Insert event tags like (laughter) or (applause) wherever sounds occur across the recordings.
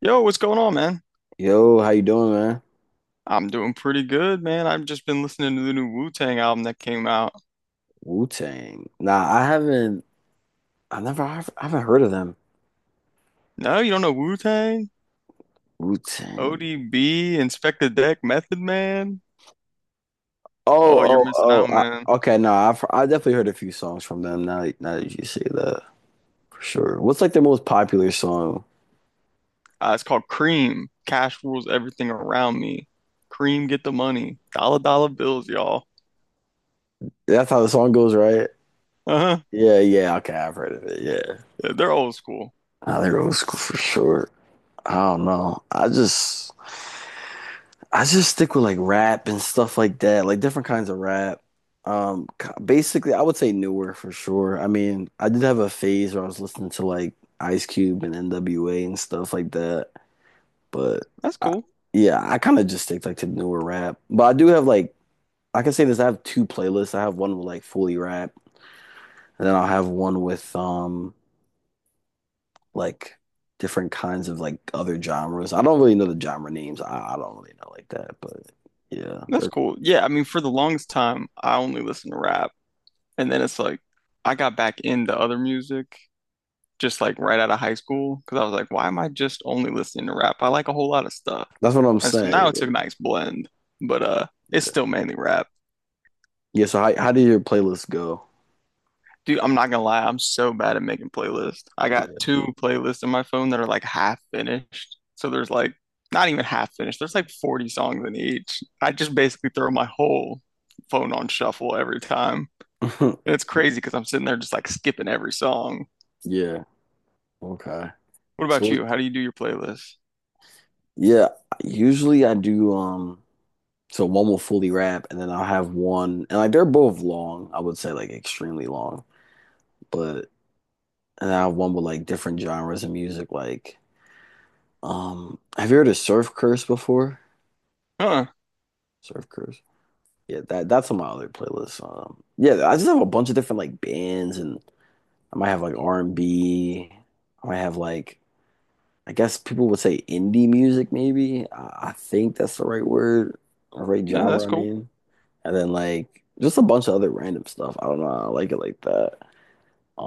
Yo, what's going on, man? Yo, how you doing, man? I'm doing pretty good, man. I've just been listening to the new Wu-Tang album that came out. Wu-Tang. Nah, I haven't. I never. I haven't heard of them. No, you don't know Wu-Tang? Wu-Tang. ODB, Inspect the Deck, Method Man? Oh, you're Oh, oh, missing out, man. Okay, no. I definitely heard a few songs from them. Now that you say that, for sure. What's like their most popular song? It's called Cream. Cash rules everything around me. Cream, get the money. Dollar dollar bills, y'all. That's how the song goes, right? Uh-huh. Yeah, yeah. Okay, I've heard of it. Yeah. Yeah, they're old school. Nah, they're old school for sure. I don't know. I just. I just stick with like rap and stuff like that, like different kinds of rap. Basically, I would say newer for sure. I mean, I did have a phase where I was listening to like Ice Cube and NWA and stuff like that, but That's I, cool. yeah, I kind of just stick like to newer rap. But I do have I can say this, I have two playlists. I have one with like fully rap, and then I'll have one with like different kinds of like other genres. I don't really know the genre names. I don't really know like that, but yeah, That's they're, cool. Yeah, I mean, for the longest time, I only listened to rap. And then it's like, I got back into other music. Just like right out of high school because I was like, why am I just only listening to rap? I like a whole lot of stuff. that's what I'm And so now it's a saying. nice blend, but it's still mainly rap. Yeah, so how did your playlist go? Dude, I'm not gonna lie, I'm so bad at making playlists. I got two playlists on my phone that are like half finished. So there's like not even half finished. There's like 40 songs in each. I just basically throw my whole phone on shuffle every time. Yeah. (laughs) And it's crazy because I'm sitting there just like skipping every song. Yeah. Okay. What So about what- you? How do you do your playlist? yeah, usually I do so one will fully rap and then I'll have one and like they're both long, I would say like extremely long. But and I have one with like different genres of music like have you heard of Surf Curse before? Huh. Surf Curse. Yeah, that's on my other playlist. Um, yeah, I just have a bunch of different like bands and I might have like R and B. I might have like I guess people would say indie music, maybe. I think that's the right word, or right Yeah, genre, that's I cool. mean. And then like just a bunch of other random stuff. I don't know. I like it like that.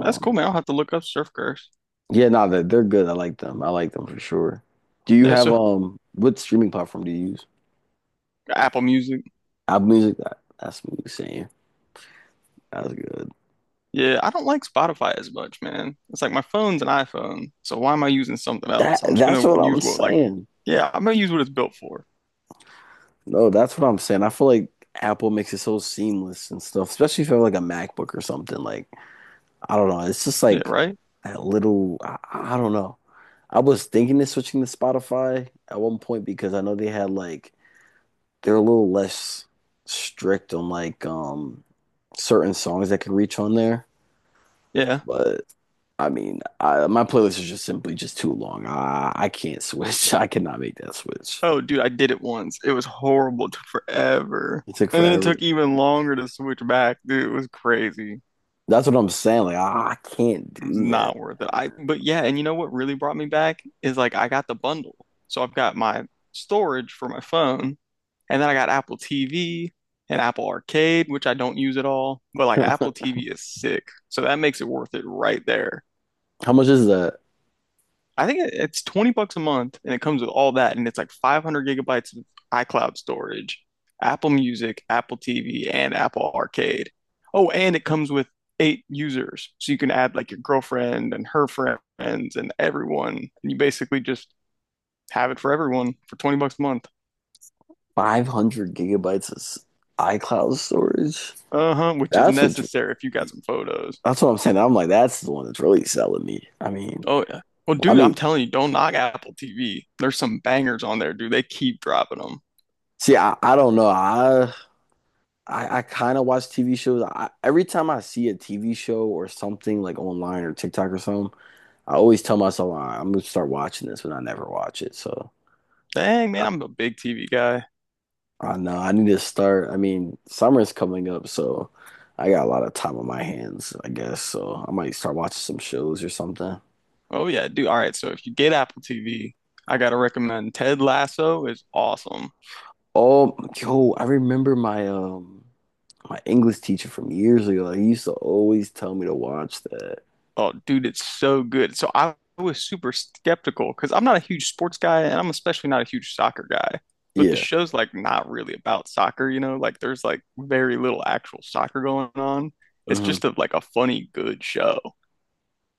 That's cool, man. I'll have to look up Surf Curse. yeah, no, they're good. I like them. I like them for sure. Do you Yeah, have so what streaming platform do you use? Apple Music. Apple Music? That's what you're saying. That's good. Yeah, I don't like Spotify as much, man. It's like my phone's an iPhone, so why am I using something else? I'm just That's gonna what I'm use what like, saying. yeah, I'm gonna use what it's built for. No, that's what I'm saying. I feel like Apple makes it so seamless and stuff, especially if you have like a MacBook or something. Like I don't know. It's just Yeah, like right? that I don't know. I was thinking of switching to Spotify at one point because I know they had they're a little less strict on like certain songs that could reach on there. Yeah. But I mean, my playlist is just simply just too long. I can't switch. (laughs) I cannot make that switch. Oh, dude, I did it once. It was horrible. Took forever. It took And then it took forever. even longer to switch back. Dude, it was crazy. That's what I'm saying. Like I can't It was do that. not worth it. I but Yeah, and you know what really brought me back is like I got the bundle. So I've got my storage for my phone. And then I got Apple TV and Apple Arcade, which I don't use at all. But like Apple (laughs) TV is sick. So that makes it worth it right there. How much is that? It's $20 a month and it comes with all that. And it's like 500 gigabytes of iCloud storage, Apple Music, Apple TV, and Apple Arcade. Oh, and it comes with 8 users. So you can add like your girlfriend and her friends and everyone. And you basically just have it for everyone for $20 a month. 500 gigabytes of s- iCloud storage. Uh-huh, which is That's what's necessary if you got some photos. That's what I'm saying. I'm like, that's the one that's really selling me. Oh yeah. Well, I dude, mean, I'm telling you, don't knock Apple TV. There's some bangers on there, dude. They keep dropping them. See, I don't know. I kind of watch TV shows. Every time I see a TV show or something like online or TikTok or something, I always tell myself, "All right, I'm gonna start watching this," but I never watch it. So Dang, I, man, I'm a big TV guy. I know I need to start. I mean, summer's coming up, so I got a lot of time on my hands, I guess. So I might start watching some shows or something. Oh yeah, dude. All right, so if you get Apple TV, I gotta recommend Ted Lasso is awesome. Oh, yo, I remember my my English teacher from years ago. Like, he used to always tell me to watch that. Oh, dude, it's so good. So I was super skeptical because I'm not a huge sports guy, and I'm especially not a huge soccer guy. But the Yeah. show's like not really about soccer, you know? Like there's like very little actual soccer going on. It's hmm just a, like a funny, good show.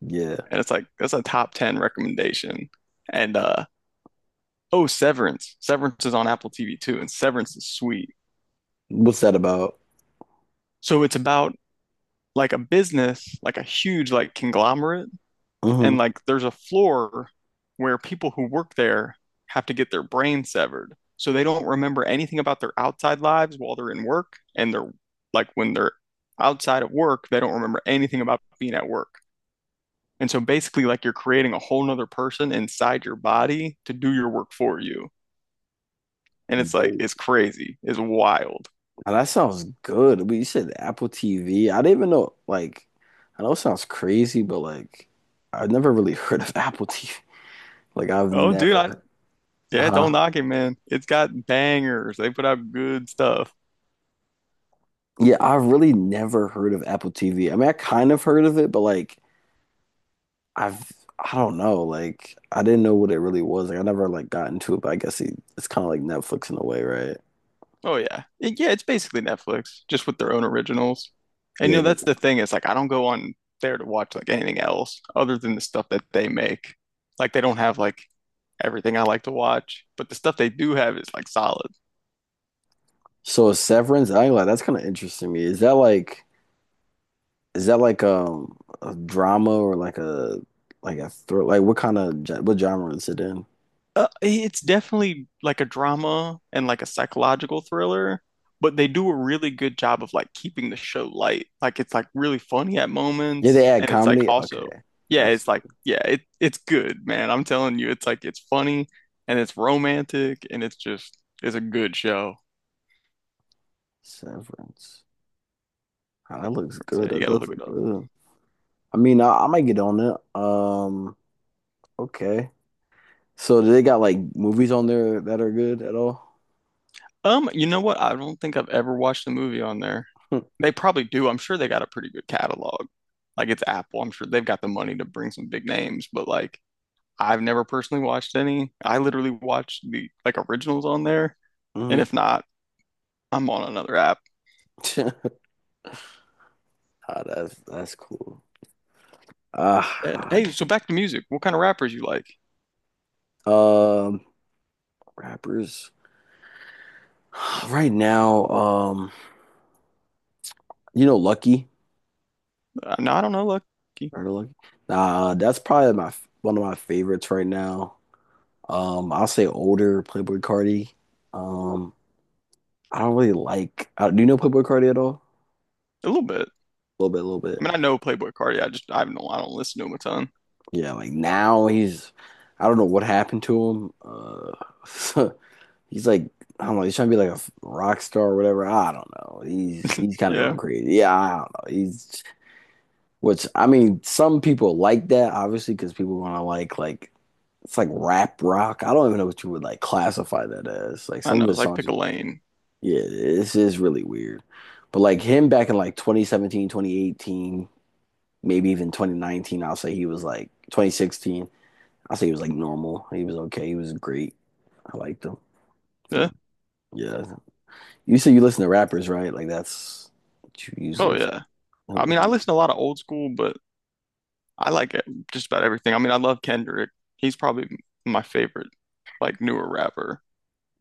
Yeah. And it's like that's a top 10 recommendation. And uh Oh, Severance. Severance is on Apple TV too, and Severance is sweet. What's that about? So it's about like a business, like a huge like conglomerate. And hmm like there's a floor where people who work there have to get their brain severed so they don't remember anything about their outside lives while they're in work. And they're like when they're outside of work they don't remember anything about being at work. And so basically like you're creating a whole nother person inside your body to do your work for you. And it's like, Whoa. it's crazy. It's wild. Now, that sounds good. But you said Apple TV. I didn't even know. Like, I know it sounds crazy, but like, I've never really (laughs) heard of Apple TV. Like, I've Oh, dude, I, never. yeah, Huh? don't knock it, man. It's got bangers. They put out good stuff. Yeah, I've really never heard of Apple TV. I mean, I kind of heard of it, but I've. I don't know. Like, I didn't know what it really was. Like, I never like got into it, but I guess it's kind of like Netflix in a way, right? Oh, yeah. Yeah, it's basically Netflix, just with their own originals. And, Yeah. you know, that- that's the thing. It's like, I don't go on there to watch like anything else other than the stuff that they make. Like, they don't have like everything I like to watch, but the stuff they do have is like solid. So Severance, I ain't like that's kind of interesting to me. Is that like a drama or like a thr like what what genre is it in? It's definitely like a drama and like a psychological thriller, but they do a really good job of like keeping the show light. Like it's like really funny at Yeah, they moments, add and it's like comedy. Okay, also, yeah, that's it's like yeah, it it's good, man. I'm telling you, it's like it's funny and it's romantic and it's just it's a good show. Severance. Ah, that looks So, good. yeah, you That gotta does look look it up. good. I mean, I might get on it. Okay. So do they got like movies on there that are good at all? You know what? I don't think I've ever watched a movie on there. (laughs) They probably do. I'm sure they got a pretty good catalog. Like it's Apple. I'm sure they've got the money to bring some big names, but like. I've never personally watched any. I literally watch the like originals on there, and hmm if not, I'm on another app. (laughs) Ah, that's cool. Ah, Hey, so back to music. What kind of rappers you like? ah, um, Rappers, (sighs) right now. You know, Lucky. No, I don't know, Lucky. A Heard of Lucky? Nah, that's probably my one of my favorites right now. I'll say older Playboy Carti. Um, I don't really like. Do you know Playboy Carti at all? little bit. A little bit, a little bit. I mean, I know Playboy Cardi. I just I don't listen to him a ton. Yeah, like now he's, I don't know what happened to him. (laughs) He's like, I don't know, he's trying to be like a rock star or whatever. I don't know. He's kind of going Yeah, crazy. Yeah, I don't know. He's which I mean, some people like that obviously because people want to like it's like rap rock. I don't even know what you would like classify that as. Like I some know. of It's his like songs, pick a lane. yeah, this is really weird. But like him back in like 2017, 2018, maybe even 2019, I'll say he was like 2016. I say he was like normal. He was okay. He was great. I liked him. Yeah. But yeah, you said you listen to rappers, right? Like that's what you usually Oh listen yeah. I mean, I to. listen to a lot of old school, but I like it- just about everything. I mean, I love Kendrick. He's probably my favorite, like newer rapper.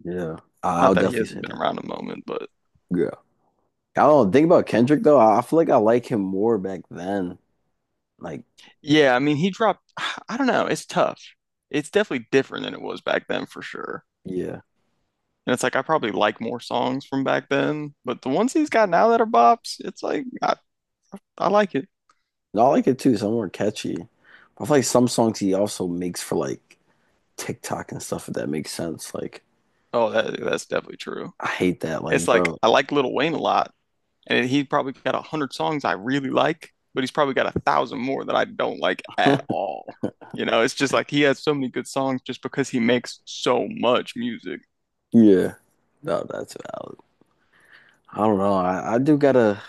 Yeah, I'll Not that he definitely hasn't say been that. around a moment, but Yeah, I don't think about Kendrick though. I feel like I like him more back then. Like yeah, I mean, he dropped, (sighs) I don't know, it's tough. It's definitely different than it was back then for sure. yeah, And it's like I probably like more songs from back then, but the ones he's got now that are bops, it's like I like it. no, I like it too. Some more catchy. I feel like some songs he also makes for like TikTok and stuff. If that makes sense. Like Oh, that that's definitely true. I hate that. It's Like like bro. I like Lil Wayne a lot, and he probably got 100 songs I really like, but he's probably got 1,000 more that I don't like at (laughs) all. You know, it's just like he has so many good songs just because he makes so much music. Yeah, no, that's valid. I don't know.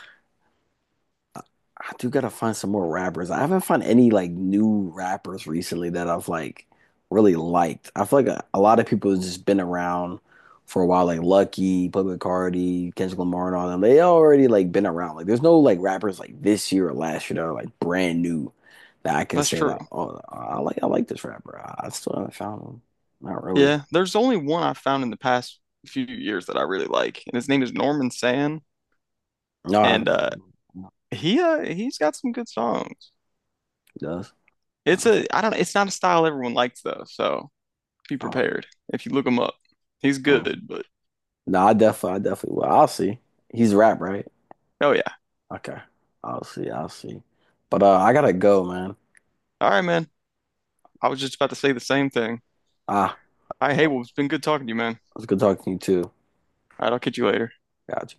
I do gotta find some more rappers. I haven't found any like new rappers recently that I've like really liked. I feel like a lot of people have just been around for a while, like Lucky, Public Cardi, Kendrick Lamar, and all them. They already like been around. Like there's no like rappers like this year or last year that are like brand new that I can That's say true. that, oh, I like this rapper. I still haven't found him. Not really. Yeah, there's only one I found in the past few years that I really like, and his name is Norman Sand, No, I and uh, haven't. he uh, he's got some good songs. Does. No, It's I, a I don't it's not a style everyone likes though, so be oh, prepared if you look him up. He's I don't know. good, but No, I definitely, I definitely will. I'll see. He's rap, right? oh yeah. Okay. I'll see. I'll see. But I gotta go, man. All right, man. I was just about to say the same thing. Ah, I Hey, it well, it's been good talking to you, man. was good talking to you too. All right, I'll catch you later. Gotcha.